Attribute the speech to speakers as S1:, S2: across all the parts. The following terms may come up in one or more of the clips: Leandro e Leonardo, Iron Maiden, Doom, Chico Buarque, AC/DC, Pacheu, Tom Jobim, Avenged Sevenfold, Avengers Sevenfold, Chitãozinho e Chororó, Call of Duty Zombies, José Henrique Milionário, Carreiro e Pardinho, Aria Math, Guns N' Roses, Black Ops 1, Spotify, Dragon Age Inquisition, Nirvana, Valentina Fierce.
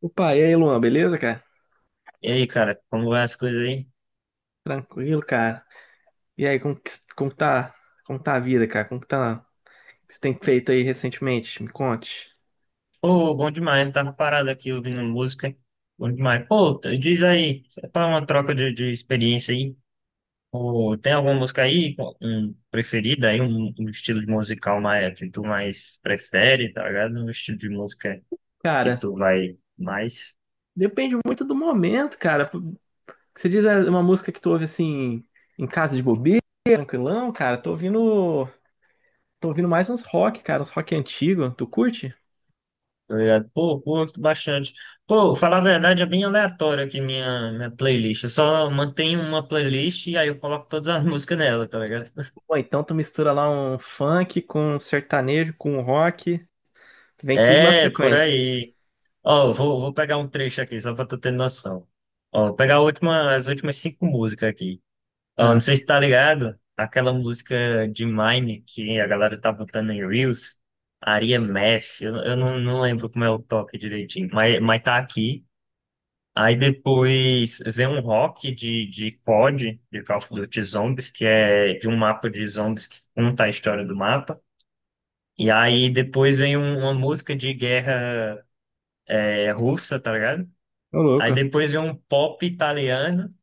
S1: Opa, e aí, Luan, beleza, cara?
S2: E aí, cara, como vai as coisas aí?
S1: Tranquilo, cara. E aí, como que tá, como tá a vida, cara? O que você tem feito aí recentemente? Me conte.
S2: Pô, bom demais, né? Tava parado aqui ouvindo música. Bom demais. Pô, diz aí, para uma troca de experiência aí. Pô, tem alguma música aí um preferida aí, um estilo de musical mais, que tu mais prefere, tá ligado? Um estilo de música que
S1: Cara,
S2: tu vai mais,
S1: depende muito do momento, cara. Você diz é, uma música que tu ouve assim em casa de bobeira, tranquilão, cara. Tô ouvindo mais uns rock, cara, uns rock antigo. Tu curte?
S2: tá ligado? Pô, curto bastante. Pô, falar a verdade, é bem aleatório aqui minha playlist. Eu só mantenho uma playlist e aí eu coloco todas as músicas nela, tá ligado?
S1: Ou então tu mistura lá um funk com um sertanejo, com um rock, vem tudo na
S2: É, por
S1: sequência.
S2: aí. Ó, vou pegar um trecho aqui, só pra tu ter noção. Ó, vou pegar as últimas cinco músicas aqui. Ó, não
S1: Ah,
S2: sei se tá ligado, aquela música de Mine que a galera tá botando em Reels, Aria Math, eu não lembro como é o toque direitinho, mas tá aqui. Aí depois vem um rock de COD, de Call of Duty Zombies, que é de um mapa de zombies que conta a história do mapa. E aí depois vem uma música de guerra russa, tá ligado?
S1: ô
S2: Aí
S1: louco.
S2: depois vem um pop italiano,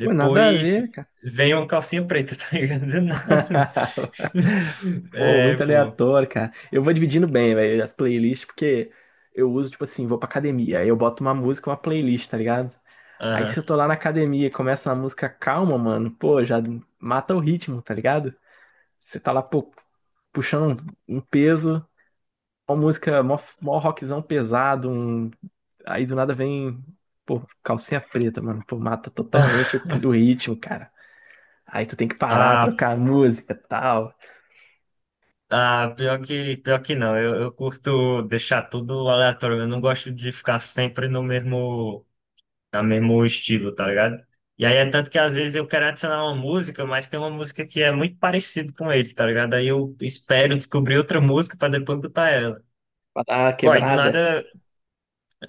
S1: Pô, nada a ver, cara.
S2: vem uma calcinha preta, tá ligado? Do nada.
S1: Pô,
S2: É,
S1: muito
S2: pô.
S1: aleatório, cara. Eu vou dividindo bem, velho, as playlists, porque eu uso, tipo assim, vou pra academia, aí eu boto uma música, uma playlist, tá ligado? Aí
S2: Aham.
S1: se eu tô lá na academia e começa uma música calma, mano, pô, já mata o ritmo, tá ligado? Você tá lá, pô, puxando um peso, uma música, mó, mó rockzão pesado, um... aí do nada vem, pô, calcinha preta, mano, pô, mata totalmente o, o ritmo, cara. Aí tu tem que parar,
S2: Ah,
S1: trocar a música, tal.
S2: pior que não. Eu curto deixar tudo aleatório. Eu não gosto de ficar sempre no mesmo, no mesmo estilo, tá ligado? E aí é tanto que às vezes eu quero adicionar uma música, mas tem uma música que é muito parecida com ele, tá ligado? Aí eu espero descobrir outra música pra depois botar ela.
S1: Ah,
S2: Pô,
S1: quebrada.
S2: nada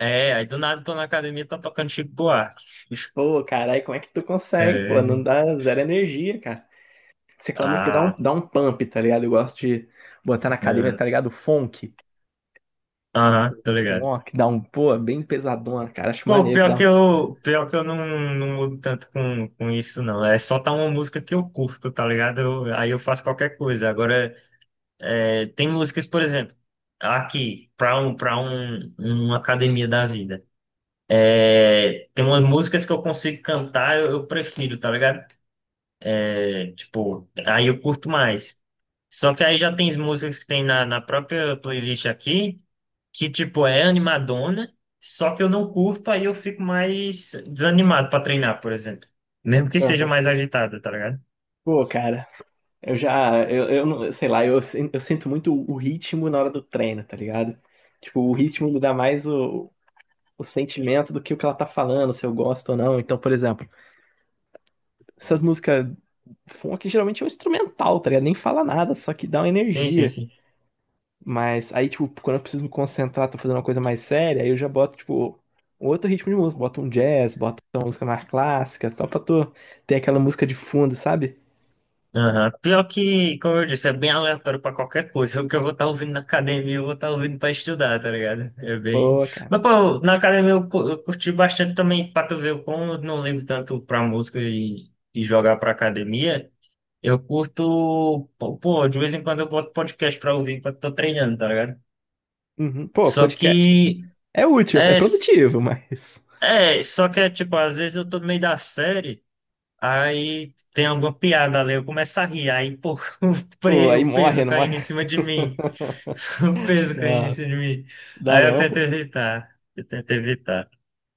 S2: É, aí do nada tô na academia e tá tocando Chico Buarque.
S1: Pô, caralho, como é que tu consegue, pô? Não
S2: É.
S1: dá zero energia, cara. Se aquela música
S2: Ah,
S1: dá um pump, tá ligado? Eu gosto de botar na academia,
S2: é.
S1: tá ligado? Funk.
S2: Aham, tô ligado.
S1: Ó, que dá um, pô, bem pesadona, cara. Acho
S2: Pô,
S1: maneiro que dá um.
S2: pior que eu não mudo tanto com isso, não. É só tá uma música que eu curto, tá ligado? Aí eu faço qualquer coisa. Agora, tem músicas, por exemplo, aqui, uma academia da vida. É, tem umas músicas que eu consigo cantar, eu prefiro, tá ligado? É, tipo, aí eu curto mais. Só que aí já tem as músicas que tem na própria playlist aqui, que tipo, é animadona, só que eu não curto, aí eu fico mais desanimado pra treinar, por exemplo. Mesmo que seja
S1: Aham.
S2: mais agitada, tá ligado?
S1: Pô, cara, eu já, eu não, sei lá, eu, sin- eu sinto muito o ritmo na hora do treino, tá ligado? Tipo, o ritmo me dá mais o sentimento do que o que ela tá falando, se eu gosto ou não. Então, por exemplo, essas músicas funk geralmente é um instrumental, tá ligado? Nem fala nada, só que dá uma
S2: Sim, sim,
S1: energia.
S2: sim.
S1: Mas aí, tipo, quando eu preciso me concentrar, tô fazendo uma coisa mais séria, aí eu já boto, tipo, um outro ritmo de música. Boto um jazz, boto uma música mais clássica, só pra tu ter aquela música de fundo, sabe?
S2: Aham. Pior que, como eu disse, é bem aleatório pra qualquer coisa. O que eu vou estar ouvindo na academia, eu vou estar ouvindo pra estudar, tá ligado? É bem.
S1: Pô, cara.
S2: Mas, pô, na academia eu curti bastante também, pra tu ver como eu não ligo tanto pra música e jogar pra academia. Eu curto, pô, de vez em quando eu boto podcast pra ouvir enquanto tô treinando, tá ligado?
S1: Uhum. Pô,
S2: Só
S1: podcast
S2: que,
S1: é útil, é
S2: é,
S1: produtivo, mas.
S2: Só que é tipo, às vezes eu tô no meio da série. Aí tem alguma piada ali, eu começo a rir, aí pô,
S1: Pô, aí
S2: o peso
S1: morre, não morre?
S2: caindo em cima de mim, o peso caindo em
S1: Não,
S2: cima de mim.
S1: dá
S2: Aí eu
S1: não,
S2: tento
S1: pô.
S2: evitar, eu tento evitar.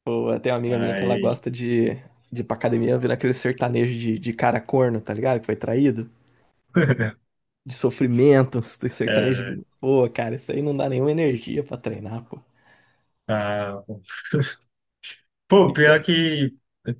S1: Pô, tem uma amiga minha que ela
S2: Aí.
S1: gosta de ir pra academia vendo aquele sertanejo de cara corno, tá ligado? Que foi traído. De sofrimento, uns
S2: é,
S1: sertanejo. Pô, cara, isso aí não dá nenhuma energia pra treinar, pô. O
S2: ah, pô,
S1: que que você
S2: pior que.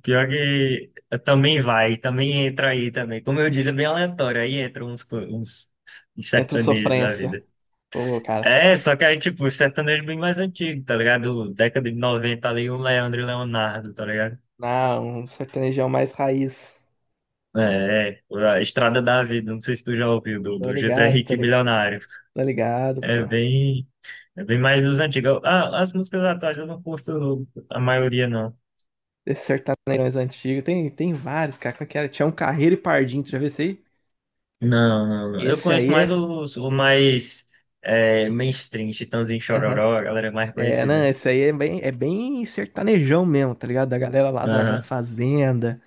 S2: Pior que também vai, também entra aí também. Como eu disse, é bem aleatório, aí entra uns
S1: entra o
S2: sertanejos da
S1: sofrência?
S2: vida.
S1: Pô, cara,
S2: É, só que aí, tipo, sertanejo bem mais antigo, tá ligado? Década de 90 ali, um Leandro e Leonardo, tá ligado?
S1: não, um sertanejão mais raiz.
S2: É, é, a Estrada da Vida, não sei se tu já ouviu,
S1: Tô
S2: do José
S1: ligado, tô
S2: Henrique
S1: ligado,
S2: Milionário.
S1: Tô ligado, pô.
S2: É bem, é bem mais dos antigos. Ah, as músicas atuais eu não curto a maioria, não.
S1: Esses sertanejões antigos, tem, tem vários, cara. Qual que era? Tinha um Carreiro e Pardinho, tu já viu esse aí?
S2: Não, não, não. Eu
S1: Esse
S2: conheço
S1: aí
S2: mais
S1: é.
S2: o mais mainstream, Chitãozinho e
S1: Aham.
S2: Chororó, a galera mais
S1: É, não,
S2: conhecida.
S1: esse aí é bem sertanejão mesmo, tá ligado? Da galera lá da
S2: Aham.
S1: fazenda.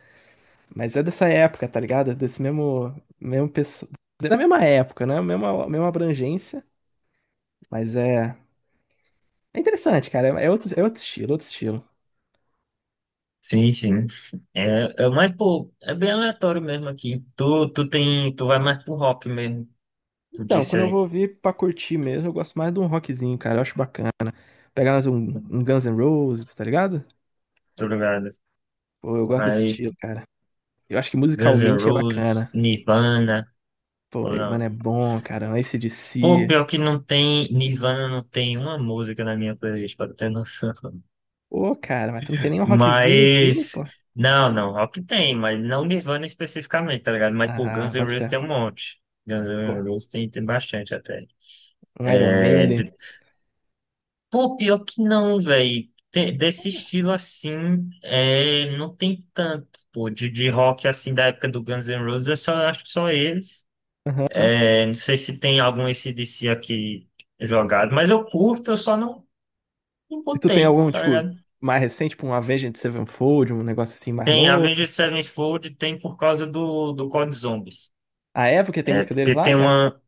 S1: Mas é dessa época, tá ligado? Mesmo pessoal. Da mesma época, né? Mesma abrangência. Mas é. É interessante, cara. É outro, outro estilo, outro estilo.
S2: Sim, sim. É mais, pô, é bem aleatório mesmo aqui. Tu vai mais pro rock mesmo, tu
S1: Então,
S2: disse
S1: quando eu vou
S2: aí.
S1: ouvir pra curtir mesmo, eu gosto mais de um rockzinho, cara. Eu acho bacana. Pegar mais um Guns N' Roses, tá ligado?
S2: Tô ligado.
S1: Pô, eu gosto desse
S2: Aí,
S1: estilo, cara. Eu acho que
S2: Guns N'
S1: musicalmente é
S2: Roses,
S1: bacana.
S2: Nirvana.
S1: Pô,
S2: Ou
S1: Ivan
S2: não?
S1: é bom, cara.
S2: Pô,
S1: AC/DC.
S2: pior que não tem, Nirvana não tem uma música na minha playlist, pra ter noção.
S1: Pô, cara, mas tu não tem nenhum rockzinho assim,
S2: Mas,
S1: pô?
S2: não, não, rock tem, mas não Nirvana especificamente, tá ligado? Mas, pô, Guns
S1: Ah,
S2: N'
S1: bota
S2: Roses
S1: fé.
S2: tem um monte. Guns
S1: Pô,
S2: N' Roses tem, tem bastante até.
S1: um Iron
S2: É,
S1: Maiden.
S2: de- pô, pior que não, velho. Desse estilo assim, não tem tanto, pô, de rock assim da época do Guns N' Roses, eu só acho que só eles. É, não sei se tem algum AC/DC aqui jogado, mas eu curto, eu só não e
S1: E tu tem
S2: botei,
S1: algum,
S2: tá
S1: tipo,
S2: ligado?
S1: mais recente, tipo, um Avenged Sevenfold, um negócio assim mais
S2: Tem
S1: novo?
S2: Avengers Sevenfold, tem por causa do Code Zombies.
S1: A época tem
S2: É,
S1: música deles
S2: porque
S1: lá,
S2: tem
S1: cara?
S2: uma.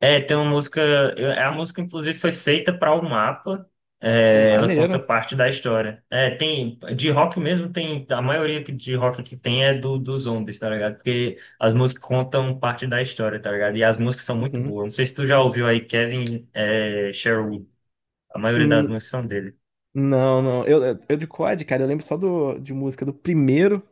S2: É, tem uma música. a música, inclusive, foi feita para o mapa.
S1: Pô,
S2: É, ela conta
S1: maneiro.
S2: parte da história. É, tem. De rock mesmo, tem. A maioria de rock que tem é dos zombies, tá ligado? Porque as músicas contam parte da história, tá ligado? E as músicas são muito
S1: Uhum.
S2: boas. Não sei se tu já ouviu aí Kevin Sherwood. A maioria das
S1: Hum,
S2: músicas são dele.
S1: não, não. Eu de COD, cara, eu lembro só de música do primeiro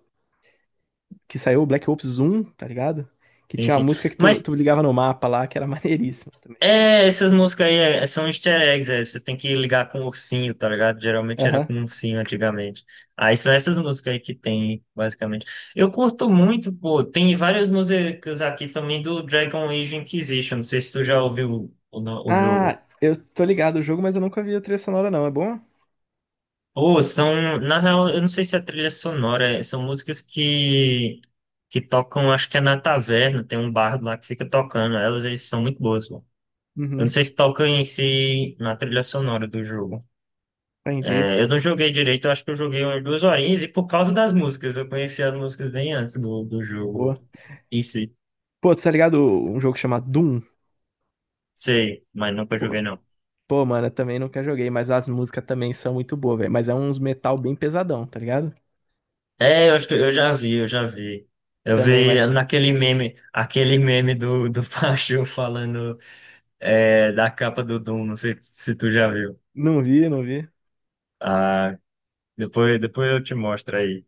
S1: que saiu, o Black Ops 1, tá ligado? Que
S2: Sim,
S1: tinha
S2: sim.
S1: uma música que
S2: Mas
S1: tu ligava no mapa lá, que era maneiríssima também. Mas-
S2: Essas músicas aí são easter eggs, você tem que ligar com o ursinho, tá ligado? Geralmente era
S1: aham.
S2: com o ursinho antigamente. Aí são essas músicas aí que tem, basicamente. Eu curto muito, pô, tem várias músicas aqui também do Dragon Age Inquisition, não sei se tu já ouviu o, no- o jogo.
S1: Ah, eu tô ligado o jogo, mas eu nunca vi a trilha sonora, não. É bom?
S2: Ou são, na real, eu não sei se é trilha sonora, são músicas que tocam, acho que é na taverna, tem um bardo lá que fica tocando, eles são muito boas, pô. Eu não
S1: Uhum,
S2: sei se toca em si na trilha sonora do jogo.
S1: entendi.
S2: É, eu não joguei direito, eu acho que eu joguei umas 2 horinhas e por causa das músicas, eu conheci as músicas bem antes do jogo
S1: Pô,
S2: em si.
S1: Pô, tá ligado um jogo chamado Doom?
S2: Sei, mas nunca
S1: Pô,
S2: joguei não.
S1: pô, mano, eu também nunca joguei, mas as músicas também são muito boas, velho. Mas é uns metal bem pesadão, tá ligado?
S2: É, eu acho que eu já vi, eu já vi. Eu
S1: Também,
S2: vi
S1: mas
S2: aquele meme do Pacheu falando da capa do Doom, não sei se tu já viu.
S1: não vi.
S2: Ah, depois eu te mostro aí,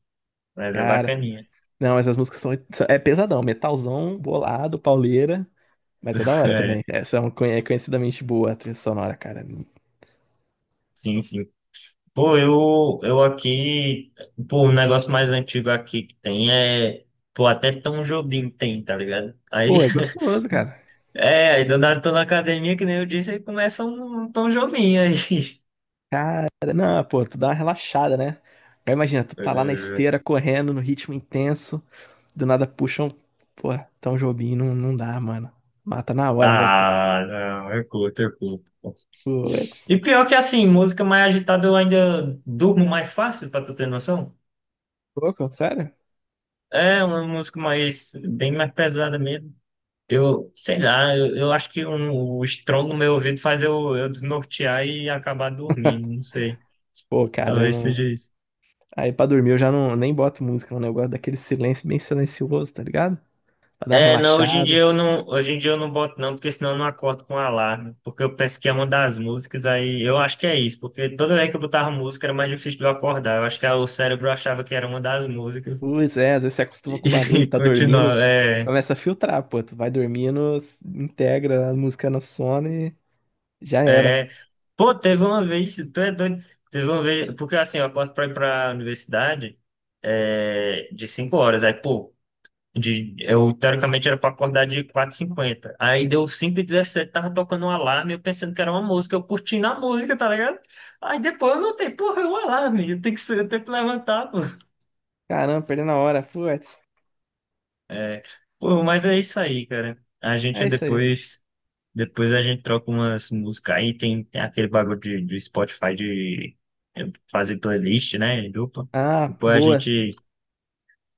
S2: mas é
S1: Cara,
S2: bacaninha.
S1: não, mas as músicas é pesadão, metalzão, bolado, pauleira, mas é da hora também.
S2: É,
S1: É, são é conhecidamente boa a trilha sonora, cara.
S2: sim, sim. Pô, eu aqui, pô, o negócio mais antigo aqui que tem pô, até Tom Jobim tem, tá ligado? Aí,
S1: Pô, é gostoso, cara.
S2: aí do nada tô na academia, que nem eu disse, aí começa um Tom Jobim aí.
S1: Cara, não, pô, tu dá uma relaxada, né? Aí imagina, tu tá lá na
S2: Eh,
S1: esteira correndo no ritmo intenso. Do nada puxam. Pô, tão Jobim não, não dá, mano. Mata na hora, meu Deus.
S2: ah, não, eu curto, eu curto.
S1: Putz.
S2: E pior que assim, música mais agitada eu ainda durmo mais fácil, pra tu ter noção.
S1: Louco, sério?
S2: É uma música bem mais pesada mesmo. Sei lá, eu acho que o estrondo no meu ouvido faz eu desnortear e acabar dormindo, não sei.
S1: Pô, cara, eu
S2: Talvez
S1: não.
S2: seja isso.
S1: Aí pra dormir eu já não nem boto música, mano. Eu gosto daquele silêncio bem silencioso, tá ligado? Pra dar uma
S2: É, não,
S1: relaxada.
S2: hoje em dia eu não boto não, porque senão eu não acordo com alarme, porque eu penso que é uma das músicas, aí eu acho que é isso, porque toda vez que eu botava música era mais difícil de eu acordar, eu acho que o cérebro achava que era uma das músicas
S1: Pois é, às vezes você acostuma
S2: e,
S1: com barulho,
S2: e
S1: tá dormindo,
S2: continuava, é.
S1: começa a filtrar, pô. Tu vai dormindo, integra a música no sono e já era.
S2: É, pô, teve uma vez, tu é doido, teve uma vez, porque assim, eu acordo pra ir pra universidade de 5 horas, aí, pô, eu teoricamente era pra acordar de quatro h 50 aí deu 5h17, tava tocando um alarme, eu pensando que era uma música, eu curtindo a música, tá ligado? Aí depois eu notei, porra, é um alarme, eu tenho que, se- eu tenho que levantar, pô.
S1: Caramba, perdendo a hora. Putz.
S2: É, pô, mas é isso aí, cara, a gente
S1: É isso aí.
S2: depois depois a gente troca umas músicas aí, tem aquele bagulho do Spotify de fazer playlist, né? Em dupla.
S1: Ah,
S2: Depois a
S1: boa.
S2: gente,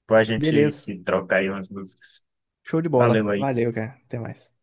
S2: depois a gente
S1: Beleza.
S2: se troca aí umas músicas.
S1: Show de bola.
S2: Valeu aí.
S1: Valeu, cara. Até mais.